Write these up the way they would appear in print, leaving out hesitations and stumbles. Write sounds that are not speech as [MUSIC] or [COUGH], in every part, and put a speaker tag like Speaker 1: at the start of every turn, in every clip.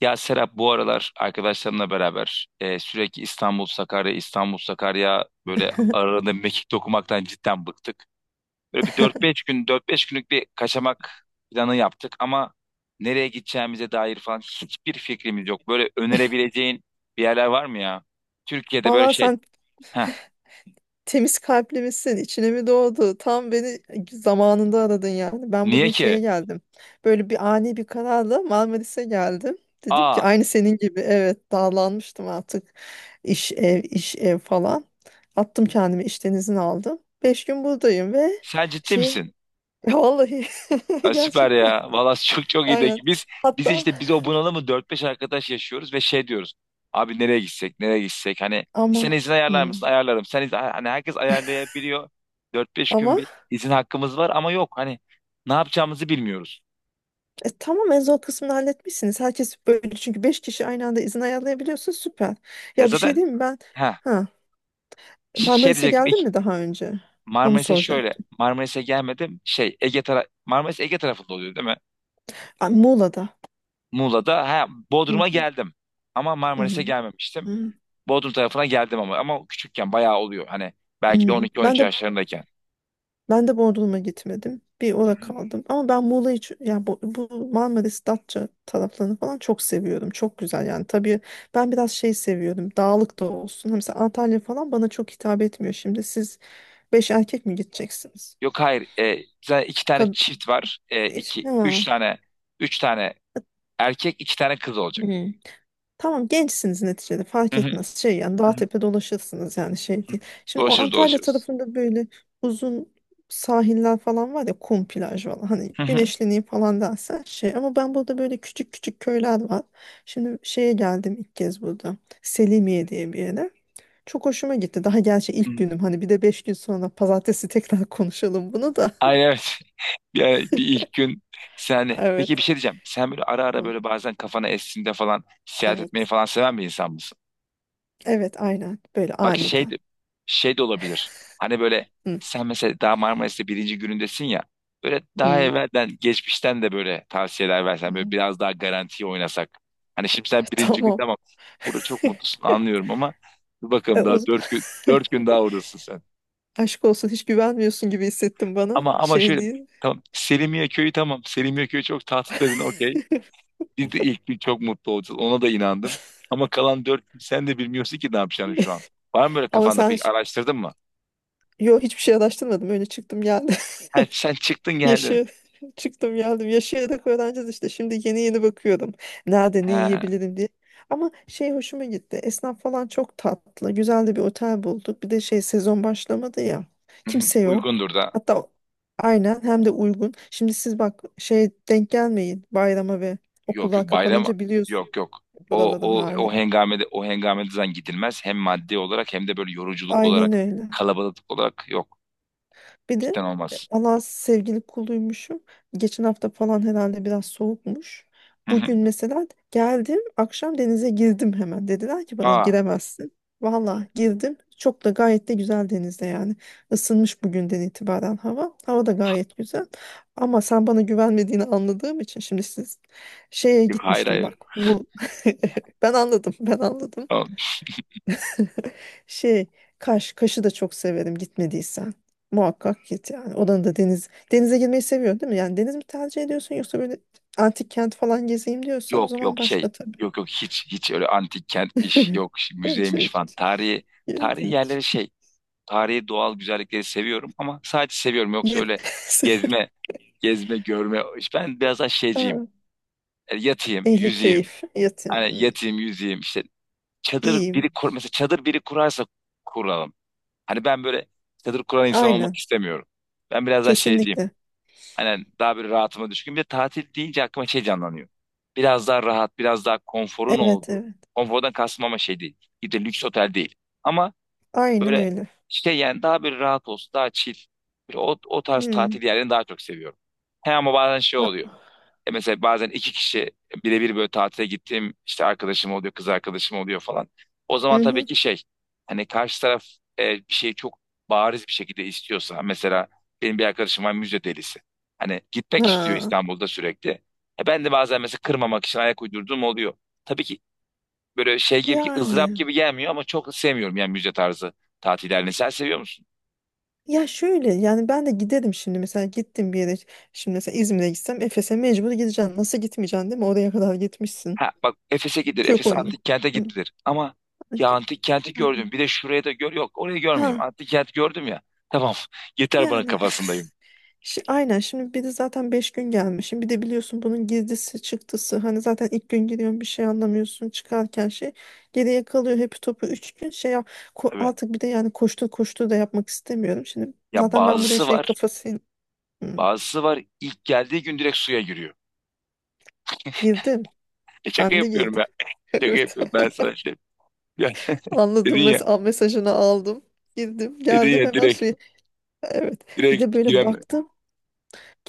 Speaker 1: Ya Serap bu aralar arkadaşlarımla beraber sürekli İstanbul Sakarya İstanbul Sakarya böyle arada mekik dokumaktan cidden bıktık. Böyle bir dört beş günlük bir kaçamak planı yaptık ama nereye gideceğimize dair falan hiçbir fikrimiz yok. Böyle önerebileceğin bir yerler var mı ya? Türkiye'de böyle
Speaker 2: Vallahi
Speaker 1: şey.
Speaker 2: sen
Speaker 1: Heh,
Speaker 2: temiz kalpli misin? İçine mi doğdu? Tam beni zamanında aradın yani. Ben
Speaker 1: niye
Speaker 2: bugün şeye
Speaker 1: ki?
Speaker 2: geldim. Böyle bir ani bir kararla Marmaris'e geldim. Dedim ki
Speaker 1: Aa,
Speaker 2: aynı senin gibi evet dağlanmıştım artık. İş ev, iş ev falan. Attım kendimi işten izin aldım. 5 gün buradayım ve
Speaker 1: sen ciddi
Speaker 2: şey
Speaker 1: misin?
Speaker 2: [LAUGHS] vallahi [LAUGHS]
Speaker 1: Ya süper
Speaker 2: gerçekten
Speaker 1: ya. Valla [LAUGHS] çok çok iyi de
Speaker 2: aynen.
Speaker 1: biz biz
Speaker 2: Hatta
Speaker 1: işte biz o bunalımı dört beş arkadaş yaşıyoruz ve şey diyoruz. Abi nereye gitsek nereye gitsek hani sen
Speaker 2: ama
Speaker 1: izin ayarlar mısın?
Speaker 2: hmm,
Speaker 1: Ayarlarım. Sen izin, hani herkes ayarlayabiliyor. Dört beş gün
Speaker 2: ama
Speaker 1: bir izin hakkımız var ama yok hani ne yapacağımızı bilmiyoruz.
Speaker 2: Tamam en zor kısmını halletmişsiniz. Herkes böyle çünkü 5 kişi aynı anda izin ayarlayabiliyorsun süper.
Speaker 1: Ya
Speaker 2: Ya bir şey
Speaker 1: zaten
Speaker 2: diyeyim mi ben?
Speaker 1: ha
Speaker 2: Ha,
Speaker 1: şey
Speaker 2: Marmaris'e
Speaker 1: diyecektim
Speaker 2: geldin
Speaker 1: ilk.
Speaker 2: mi daha önce? Onu soracaktım.
Speaker 1: Marmaris'e gelmedim şey. Ege tara Marmaris Ege tarafında oluyor değil mi?
Speaker 2: Ay, Muğla'da.
Speaker 1: Muğla'da ha,
Speaker 2: Hı
Speaker 1: Bodrum'a
Speaker 2: hı,
Speaker 1: geldim ama
Speaker 2: hı
Speaker 1: Marmaris'e
Speaker 2: hı,
Speaker 1: gelmemiştim.
Speaker 2: hı
Speaker 1: Bodrum tarafına geldim ama küçükken bayağı oluyor. Hani belki de
Speaker 2: hı. Ben
Speaker 1: 12-13
Speaker 2: de
Speaker 1: yaşlarındayken.
Speaker 2: ben de Bodrum'a gitmedim. Bir orada kaldım. Ama ben Muğla'yı ç- ya bu Marmaris, Datça taraflarını falan çok seviyorum. Çok güzel yani. Tabii ben biraz şey seviyorum. Dağlık da olsun. Mesela Antalya falan bana çok hitap etmiyor. Şimdi siz 5 erkek mi gideceksiniz?
Speaker 1: Yok hayır zaten iki tane çift var.
Speaker 2: İş-
Speaker 1: İki, üç
Speaker 2: Ha.
Speaker 1: tane üç tane erkek iki tane kız olacak.
Speaker 2: Hı. Tamam gençsiniz neticede
Speaker 1: Hı
Speaker 2: fark
Speaker 1: hı.
Speaker 2: etmez. Şey yani
Speaker 1: Hı
Speaker 2: dağ
Speaker 1: hı.
Speaker 2: tepe dolaşırsınız yani şey değil. Şimdi o
Speaker 1: Dolaşırız
Speaker 2: Antalya
Speaker 1: dolaşırız.
Speaker 2: tarafında böyle uzun sahiller falan var ya kum plaj falan hani
Speaker 1: Hı hı.
Speaker 2: güneşleneyim falan dersen şey ama ben burada böyle küçük küçük köyler var. Şimdi şeye geldim ilk kez burada Selimiye diye bir yere. Çok hoşuma gitti. Daha gerçi ilk
Speaker 1: Hı.
Speaker 2: günüm hani bir de 5 gün sonra pazartesi [LAUGHS] tekrar konuşalım bunu da. [LAUGHS]
Speaker 1: Ay evet. [LAUGHS] yani bir ilk gün sen peki
Speaker 2: Evet.
Speaker 1: bir şey diyeceğim. Sen böyle ara ara
Speaker 2: Hı,
Speaker 1: böyle bazen kafana estiğinde falan seyahat etmeyi
Speaker 2: evet.
Speaker 1: falan seven bir insan mısın?
Speaker 2: Evet aynen böyle
Speaker 1: Bak
Speaker 2: aniden.
Speaker 1: şey de olabilir. Hani böyle
Speaker 2: Hı.
Speaker 1: sen mesela daha Marmaris'te birinci günündesin ya. Böyle daha
Speaker 2: Hı.
Speaker 1: evvelden, geçmişten de böyle tavsiyeler versen, böyle
Speaker 2: Hı.
Speaker 1: biraz daha garantiye oynasak. Hani şimdi sen
Speaker 2: [LAUGHS]
Speaker 1: birinci gün
Speaker 2: Tamam.
Speaker 1: tamam. Burada çok mutlusun anlıyorum ama dur
Speaker 2: E,
Speaker 1: bakalım
Speaker 2: o
Speaker 1: daha
Speaker 2: [LAUGHS]
Speaker 1: dört gün daha oradasın sen.
Speaker 2: aşk olsun hiç güvenmiyorsun gibi hissettim bana.
Speaker 1: Ama
Speaker 2: Şey
Speaker 1: şöyle
Speaker 2: değil.
Speaker 1: tamam, Selimiye köyü tamam. Selimiye köyü çok tatlı dedin okey. Biz de ilk gün çok mutlu olacağız. Ona da inandım. Ama kalan dört gün sen de bilmiyorsun ki ne yapacağını şu an. Var mı böyle
Speaker 2: Ama
Speaker 1: kafanda,
Speaker 2: sen
Speaker 1: pek
Speaker 2: ş-
Speaker 1: araştırdın mı?
Speaker 2: yo hiçbir şey araştırmadım. Öyle çıktım geldim.
Speaker 1: Ha,
Speaker 2: [LAUGHS]
Speaker 1: sen çıktın geldin.
Speaker 2: Yaşı çıktım geldim. Yaşayarak öğreneceğiz işte. Şimdi yeni yeni bakıyordum. Nerede ne
Speaker 1: Ha.
Speaker 2: yiyebilirim diye. Ama şey hoşuma gitti. Esnaf falan çok tatlı. Güzel de bir otel bulduk. Bir de şey sezon başlamadı ya.
Speaker 1: Hı hı,
Speaker 2: Kimse yok.
Speaker 1: uygundur da.
Speaker 2: Hatta aynen hem de uygun. Şimdi siz bak şey denk gelmeyin bayrama ve
Speaker 1: Yok yok
Speaker 2: okullar
Speaker 1: bayram.
Speaker 2: kapanınca biliyorsun.
Speaker 1: Yok yok.
Speaker 2: Buraların halini.
Speaker 1: O hengamede zaten gidilmez. Hem maddi olarak hem de böyle yoruculuk
Speaker 2: Aynen
Speaker 1: olarak,
Speaker 2: öyle.
Speaker 1: kalabalık olarak yok.
Speaker 2: Bir de
Speaker 1: Cidden olmaz.
Speaker 2: Allah sevgili kuluymuşum. Geçen hafta falan herhalde biraz soğukmuş.
Speaker 1: Hı hı.
Speaker 2: Bugün mesela geldim akşam denize girdim hemen. Dediler ki bana
Speaker 1: Aa,
Speaker 2: giremezsin. Valla girdim. Çok da gayet de güzel denizde yani. Isınmış bugünden itibaren hava. Hava da gayet güzel. Ama sen bana güvenmediğini anladığım için şimdi siz şeye
Speaker 1: yok, hayır
Speaker 2: gitmiştim
Speaker 1: hayır.
Speaker 2: bak. Bu [LAUGHS] ben anladım. Ben anladım.
Speaker 1: Tamam.
Speaker 2: Şey, Kaş, Kaş'ı da çok severim gitmediysen. Muhakkak git yani. Oranın da deniz. Denize girmeyi seviyorsun değil mi? Yani deniz mi tercih ediyorsun yoksa böyle antik kent falan gezeyim diyorsan o
Speaker 1: Yok
Speaker 2: zaman
Speaker 1: yok şey.
Speaker 2: başka tabii.
Speaker 1: Yok yok hiç hiç öyle antik kentmiş
Speaker 2: [LAUGHS]
Speaker 1: yok
Speaker 2: Şey,
Speaker 1: müzeymiş falan. Tarihi
Speaker 2: yer-
Speaker 1: yerleri şey. Tarihi doğal güzellikleri seviyorum ama sadece seviyorum, yoksa öyle gezme
Speaker 2: [LAUGHS]
Speaker 1: gezme görme. Ben biraz daha şeyciyim.
Speaker 2: ha,
Speaker 1: Yatayım,
Speaker 2: ehli
Speaker 1: yüzeyim.
Speaker 2: keyif.
Speaker 1: Hani
Speaker 2: Yatın.
Speaker 1: yatayım, yüzeyim. İşte çadır biri
Speaker 2: İyiyim.
Speaker 1: kur, mesela çadır biri kurarsa kuralım. Hani ben böyle çadır kuran insan olmak
Speaker 2: Aynen.
Speaker 1: istemiyorum. Ben biraz daha şeyciyim.
Speaker 2: Kesinlikle.
Speaker 1: Hani daha böyle rahatıma düşkün. Bir de tatil deyince aklıma şey canlanıyor. Biraz daha rahat, biraz daha konforun
Speaker 2: Evet,
Speaker 1: olduğu.
Speaker 2: evet.
Speaker 1: Konfordan kastım ama şey değil. Bir de lüks otel değil. Ama
Speaker 2: Aynen
Speaker 1: böyle
Speaker 2: öyle.
Speaker 1: işte yani daha bir rahat olsun, daha chill. Bir o tarz
Speaker 2: Hmm.
Speaker 1: tatil yerlerini daha çok seviyorum. He ama bazen şey
Speaker 2: Ah,
Speaker 1: oluyor. Mesela bazen iki kişi birebir böyle tatile gittiğim işte arkadaşım oluyor, kız arkadaşım oluyor falan. O zaman tabii
Speaker 2: mhm.
Speaker 1: ki şey, hani karşı taraf bir şeyi çok bariz bir şekilde istiyorsa mesela benim bir arkadaşım var, müze delisi. Hani gitmek istiyor
Speaker 2: Ha.
Speaker 1: İstanbul'da sürekli. Ben de bazen mesela kırmamak için ayak uydurduğum oluyor. Tabii ki böyle şey gibi, ızdırap
Speaker 2: Yani.
Speaker 1: gibi gelmiyor ama çok sevmiyorum yani müze tarzı tatillerini. Sen seviyor musun?
Speaker 2: Ya şöyle yani ben de giderim şimdi mesela gittim bir yere şimdi mesela İzmir'e gitsem Efes'e mecbur gideceğim. Nasıl gitmeyeceksin değil mi? Oraya kadar gitmişsin.
Speaker 1: Ha, bak Efes'e gidilir.
Speaker 2: Çok
Speaker 1: Efes
Speaker 2: onu.
Speaker 1: antik kente
Speaker 2: Hı.
Speaker 1: gidilir. Ama ya antik kenti
Speaker 2: Yani,
Speaker 1: gördüm. Bir de şuraya da gör. Yok orayı görmeyeyim.
Speaker 2: ha
Speaker 1: Antik kent gördüm ya. Tamam. [LAUGHS] Yeter bana
Speaker 2: yani
Speaker 1: kafasındayım.
Speaker 2: [LAUGHS] Şi- aynen şimdi bir de zaten 5 gün gelmişim bir de biliyorsun bunun girdisi çıktısı hani zaten ilk gün giriyorsun bir şey anlamıyorsun çıkarken şey geriye kalıyor hep topu 3 gün şey yap- ko-
Speaker 1: Tabii.
Speaker 2: artık bir de yani koştur koştur da yapmak istemiyorum şimdi
Speaker 1: Ya
Speaker 2: zaten ben buraya
Speaker 1: bazısı
Speaker 2: şey
Speaker 1: var.
Speaker 2: kafasıyla hı,
Speaker 1: Bazısı var. İlk geldiği gün direkt suya giriyor.
Speaker 2: girdim
Speaker 1: Şaka
Speaker 2: ben de
Speaker 1: yapıyorum
Speaker 2: girdim
Speaker 1: ya.
Speaker 2: [LAUGHS]
Speaker 1: Şaka
Speaker 2: Evet,
Speaker 1: yapıyorum. Ben sana işte. Ya, [LAUGHS] dedin
Speaker 2: anladım.
Speaker 1: ya.
Speaker 2: Mes al mesajını aldım. Girdim,
Speaker 1: Dedin
Speaker 2: geldim
Speaker 1: ya
Speaker 2: hemen
Speaker 1: direkt.
Speaker 2: suya. Evet. Bir de
Speaker 1: Direkt
Speaker 2: böyle
Speaker 1: giren.
Speaker 2: baktım.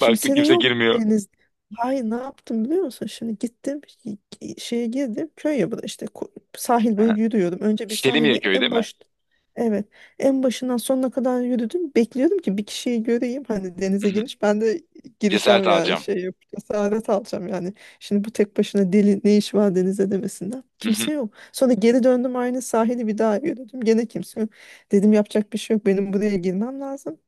Speaker 1: Baktın
Speaker 2: de
Speaker 1: kimse
Speaker 2: yok
Speaker 1: girmiyor.
Speaker 2: deniz. Hayır ne yaptım biliyor musun? Şimdi gittim y- şeye girdim köy ya bu da işte ko- sahil boyu
Speaker 1: Aha.
Speaker 2: yürüyordum. Önce bir sahili
Speaker 1: Selimiye köyü
Speaker 2: en
Speaker 1: değil mi?
Speaker 2: baş evet en başından sonuna kadar yürüdüm. Bekliyordum ki bir kişiyi göreyim hani
Speaker 1: Hı
Speaker 2: denize
Speaker 1: hı.
Speaker 2: girmiş ben de
Speaker 1: Cesaret
Speaker 2: gireceğim yani
Speaker 1: alacağım.
Speaker 2: şey yapıp cesaret alacağım yani. Şimdi bu tek başına deli ne iş var denize demesinden.
Speaker 1: Hı hı.
Speaker 2: Kimse yok. Sonra geri döndüm aynı sahili bir daha yürüdüm. Gene kimse yok. Dedim yapacak bir şey yok benim buraya girmem lazım.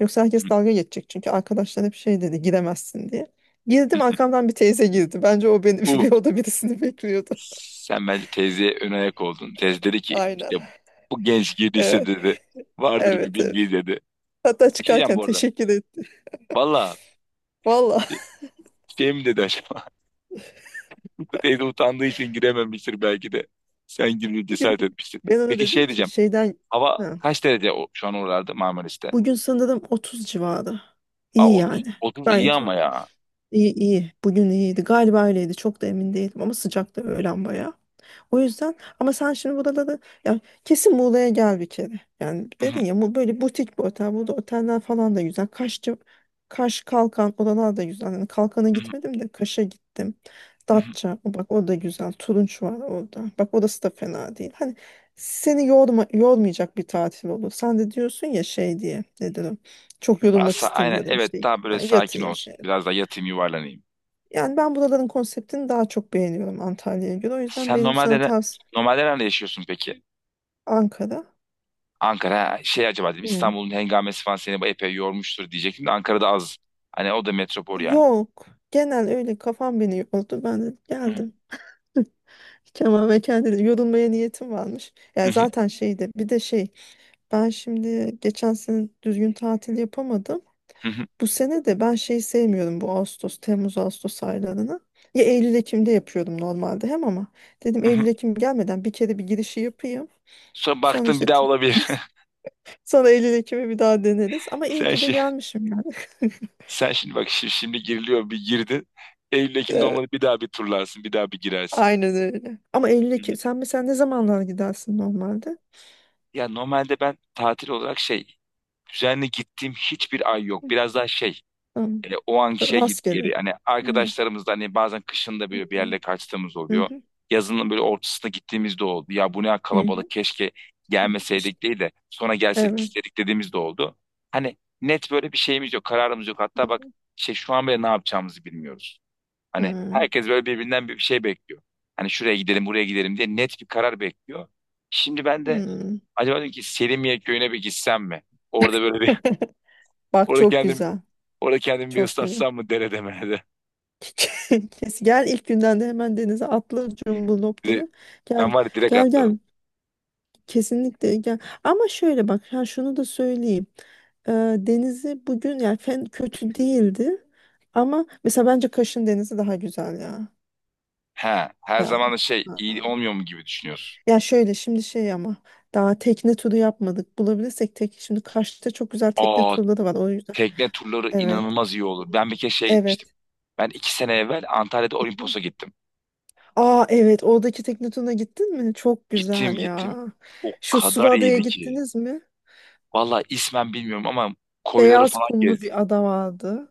Speaker 2: Yoksa herkes dalga geçecek çünkü arkadaşlar hep şey dedi giremezsin diye. Girdim arkamdan bir teyze girdi. Bence o beni [LAUGHS]
Speaker 1: Bu.
Speaker 2: bir oda birisini bekliyordu.
Speaker 1: Sen bence teyzeye ön ayak oldun. Teyze dedi ki
Speaker 2: Aynen.
Speaker 1: işte bu genç girdiyse
Speaker 2: Evet,
Speaker 1: dedi. Vardır bir
Speaker 2: evet, evet.
Speaker 1: bildiği dedi. Bir
Speaker 2: Hatta
Speaker 1: şey diyeceğim
Speaker 2: çıkarken
Speaker 1: bu arada.
Speaker 2: teşekkür etti.
Speaker 1: Valla,
Speaker 2: Valla.
Speaker 1: şey mi dedi acaba? [LAUGHS] Teyze utandığı için girememiştir belki de. Sen girmeye cesaret
Speaker 2: [LAUGHS]
Speaker 1: etmişsin.
Speaker 2: Ben ona
Speaker 1: Peki
Speaker 2: dedim
Speaker 1: şey
Speaker 2: ki
Speaker 1: diyeceğim.
Speaker 2: şeyden
Speaker 1: Hava
Speaker 2: ha,
Speaker 1: kaç derece şu an oralarda, Marmaris'te?
Speaker 2: bugün sanırım 30 civarı.
Speaker 1: Aa,
Speaker 2: İyi
Speaker 1: 30,
Speaker 2: yani.
Speaker 1: 30 iyi
Speaker 2: Gayet iyi
Speaker 1: ama ya.
Speaker 2: iyi. İyi. Bugün iyiydi. Galiba öyleydi. Çok da emin değilim ama sıcaktı öğlen bayağı. O yüzden ama sen şimdi burada da ya kesin Muğla'ya gel bir kere. Yani
Speaker 1: [LAUGHS] Hı hı
Speaker 2: dedin ya bu böyle butik bir otel. Burada oteller falan da güzel. Kaşçı, Kaş Kalkan oralar da güzel. Yani Kalkan'a
Speaker 1: hı. Hı,
Speaker 2: gitmedim de Kaş'a gittim.
Speaker 1: hı hı.
Speaker 2: Datça o bak o da güzel. Turunç var orada. Bak orası da fena değil. Hani seni yorma, yormayacak bir tatil olur. Sen de diyorsun ya şey diye nedir o? Çok
Speaker 1: Daha
Speaker 2: yorulmak
Speaker 1: aynen
Speaker 2: istemiyorum
Speaker 1: evet,
Speaker 2: işte.
Speaker 1: daha böyle
Speaker 2: Yani
Speaker 1: sakin
Speaker 2: yatayım
Speaker 1: olsun.
Speaker 2: şey.
Speaker 1: Biraz da yatayım yuvarlanayım.
Speaker 2: Yani ben buraların konseptini daha çok beğeniyorum Antalya'ya göre. O yüzden
Speaker 1: Sen
Speaker 2: benim sana
Speaker 1: normalde
Speaker 2: tavsiyem
Speaker 1: normalde nerede yaşıyorsun peki?
Speaker 2: Ankara.
Speaker 1: Ankara ha, şey acaba dedim
Speaker 2: Hı.
Speaker 1: İstanbul'un hengamesi falan seni bu epey yormuştur diyecektim de Ankara'da az. Hani o da metropol yani.
Speaker 2: Yok. Genel öyle kafam beni yordu. Ben de geldim. Kemal ve kendine yorulmaya niyetim varmış. Ya zaten şeydi bir de şey ben şimdi geçen sene düzgün tatil yapamadım. Bu sene de ben şeyi sevmiyorum bu Ağustos, Temmuz, Ağustos aylarını. Ya Eylül, Ekim'de yapıyordum normalde hem ama dedim Eylül,
Speaker 1: [LAUGHS]
Speaker 2: Ekim gelmeden bir kere bir girişi yapayım.
Speaker 1: Sonra
Speaker 2: Sonra
Speaker 1: baktım bir
Speaker 2: işte
Speaker 1: daha
Speaker 2: t-
Speaker 1: olabilir.
Speaker 2: sonra Eylül, Ekim'i bir daha deneriz. Ama
Speaker 1: [LAUGHS]
Speaker 2: iyi
Speaker 1: Sen
Speaker 2: ki de
Speaker 1: şey,
Speaker 2: gelmişim yani.
Speaker 1: sen şimdi bak, şimdi giriliyor bir girdin. Eylül Ekim'de olmadı
Speaker 2: [LAUGHS]
Speaker 1: bir daha bir turlarsın, bir daha bir girersin.
Speaker 2: Aynen öyle. Ama
Speaker 1: Hı hı.
Speaker 2: Eylül'e sen mesela ne zamanlar gidersin normalde?
Speaker 1: Ya normalde ben tatil olarak şey, düzenli gittiğim hiçbir ay yok.
Speaker 2: Hı.
Speaker 1: Biraz daha şey,
Speaker 2: Tamam.
Speaker 1: O anki şey gitti
Speaker 2: Rastgele.
Speaker 1: geri. Hani
Speaker 2: Hı.
Speaker 1: arkadaşlarımızla hani bazen kışın da
Speaker 2: Hı
Speaker 1: böyle bir
Speaker 2: hı.
Speaker 1: yerle kaçtığımız oluyor. Yazının böyle ortasına gittiğimiz de oldu. Ya bu ne
Speaker 2: Hı hı.
Speaker 1: kalabalık, keşke
Speaker 2: Hı. İşte,
Speaker 1: gelmeseydik değil de sonra gelseydik
Speaker 2: evet.
Speaker 1: istedik dediğimiz de oldu. Hani net böyle bir şeyimiz yok, kararımız yok. Hatta bak şey, şu an bile ne yapacağımızı bilmiyoruz. Hani
Speaker 2: Hı.
Speaker 1: herkes böyle birbirinden bir şey bekliyor. Hani şuraya gidelim, buraya gidelim diye net bir karar bekliyor. Şimdi ben de
Speaker 2: Hı.
Speaker 1: acaba dedim ki, Selimiye köyüne bir gitsem mi? Orada böyle bir [LAUGHS]
Speaker 2: [LAUGHS] Bak
Speaker 1: orada
Speaker 2: çok
Speaker 1: kendim
Speaker 2: güzel.
Speaker 1: orada kendimi bir
Speaker 2: Çok güzel.
Speaker 1: ıslatsam mı derede merede.
Speaker 2: [LAUGHS] Kes, gel ilk günden de hemen denize atla cumbulop
Speaker 1: Bir de
Speaker 2: diye. Gel
Speaker 1: ben var ya, direkt
Speaker 2: gel
Speaker 1: atlarım.
Speaker 2: gel. Kesinlikle gel. Ama şöyle bak ha şunu da söyleyeyim. Ee, denizi bugün yani fen kötü değildi. Ama mesela bence Kaş'ın denizi daha güzel ya.
Speaker 1: He, her
Speaker 2: Yani.
Speaker 1: zaman da şey
Speaker 2: Ha.
Speaker 1: iyi olmuyor mu gibi düşünüyorsun.
Speaker 2: Ya şöyle şimdi şey ama daha tekne turu yapmadık. Bulabilirsek tek şimdi Kaş'ta çok güzel tekne
Speaker 1: Aa,
Speaker 2: turları var o yüzden.
Speaker 1: tekne turları
Speaker 2: Evet.
Speaker 1: inanılmaz iyi olur. Ben bir kere şeye gitmiştim.
Speaker 2: Evet.
Speaker 1: Ben iki sene evvel Antalya'da
Speaker 2: Hı hı.
Speaker 1: Olimpos'a gittim.
Speaker 2: Aa evet oradaki tekne turuna gittin mi? Çok
Speaker 1: Gittim
Speaker 2: güzel
Speaker 1: gittim.
Speaker 2: ya.
Speaker 1: O
Speaker 2: Şu
Speaker 1: kadar
Speaker 2: Suluada'ya
Speaker 1: iyiydi ki.
Speaker 2: gittiniz mi?
Speaker 1: Vallahi ismen bilmiyorum ama koyları
Speaker 2: Beyaz
Speaker 1: falan
Speaker 2: kumlu
Speaker 1: gezdik.
Speaker 2: bir ada vardı.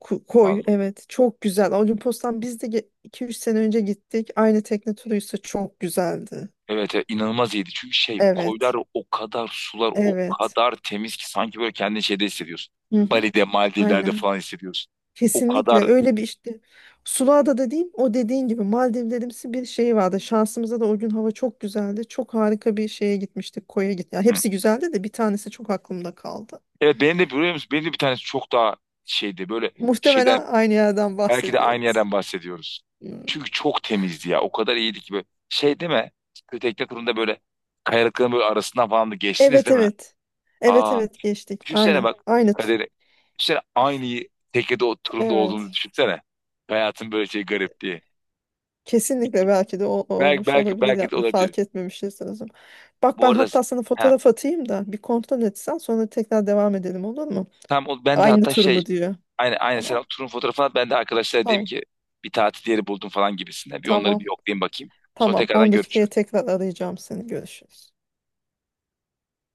Speaker 2: Ku- koy
Speaker 1: Vallahi.
Speaker 2: evet çok güzel. Olimpos'tan biz de 2 3 sene önce gittik. Aynı tekne turuysa çok güzeldi.
Speaker 1: Evet, evet inanılmaz iyiydi. Çünkü şey koylar
Speaker 2: Evet.
Speaker 1: o kadar, sular o
Speaker 2: Evet.
Speaker 1: kadar temiz ki sanki böyle kendini şeyde hissediyorsun.
Speaker 2: Hı hı.
Speaker 1: Bali'de, Maldivler'de
Speaker 2: Aynen.
Speaker 1: falan hissediyorsun. O
Speaker 2: Kesinlikle
Speaker 1: kadar.
Speaker 2: öyle bir işte Sula'da da değil o dediğin gibi Maldivlerimsi bir şey vardı. Şansımıza da o gün hava çok güzeldi. Çok harika bir şeye gitmiştik koya git. Ya hepsi güzeldi de bir tanesi çok aklımda kaldı.
Speaker 1: Evet benim de, biliyor musun? Benim de bir tanesi çok daha şeydi böyle,
Speaker 2: Muhtemelen
Speaker 1: şeyden
Speaker 2: aynı yerden
Speaker 1: belki de aynı
Speaker 2: bahsediyoruz.
Speaker 1: yerden bahsediyoruz.
Speaker 2: Hmm.
Speaker 1: Çünkü çok temizdi ya. O kadar iyiydi ki böyle şey deme. Kötü tekne turunda böyle kayalıkların böyle arasından falan da geçtiniz
Speaker 2: Evet,
Speaker 1: değil mi?
Speaker 2: evet. Evet,
Speaker 1: Aa,
Speaker 2: evet geçtik.
Speaker 1: düşünsene
Speaker 2: Aynen.
Speaker 1: bak
Speaker 2: Aynı. T-
Speaker 1: kaderi. Düşünsene aynı teknede o turunda olduğumuzu
Speaker 2: Evet.
Speaker 1: düşünsene. Hayatın böyle şey garip diye.
Speaker 2: Kesinlikle belki de o,
Speaker 1: Belki
Speaker 2: olmuş
Speaker 1: belki
Speaker 2: olabilir
Speaker 1: belki de
Speaker 2: yani
Speaker 1: olabilir.
Speaker 2: fark etmemişiz o zaman. Bak
Speaker 1: Bu
Speaker 2: ben
Speaker 1: arada
Speaker 2: hatta sana
Speaker 1: ha,
Speaker 2: fotoğraf atayım da bir kontrol etsen sonra tekrar devam edelim olur mu?
Speaker 1: tam o, ben de
Speaker 2: Aynı
Speaker 1: hatta
Speaker 2: tur
Speaker 1: şey.
Speaker 2: mu diyor.
Speaker 1: Aynı
Speaker 2: Tamam.
Speaker 1: sen turun fotoğrafını at. Ben de arkadaşlara diyeyim
Speaker 2: Tamam.
Speaker 1: ki bir tatil yeri buldum falan gibisine. Bir onları
Speaker 2: Tamam.
Speaker 1: bir yoklayayım bakayım. Sonra
Speaker 2: Tamam.
Speaker 1: tekrardan
Speaker 2: 10 dakikaya
Speaker 1: görüşürüz.
Speaker 2: tekrar arayacağım seni. Görüşürüz.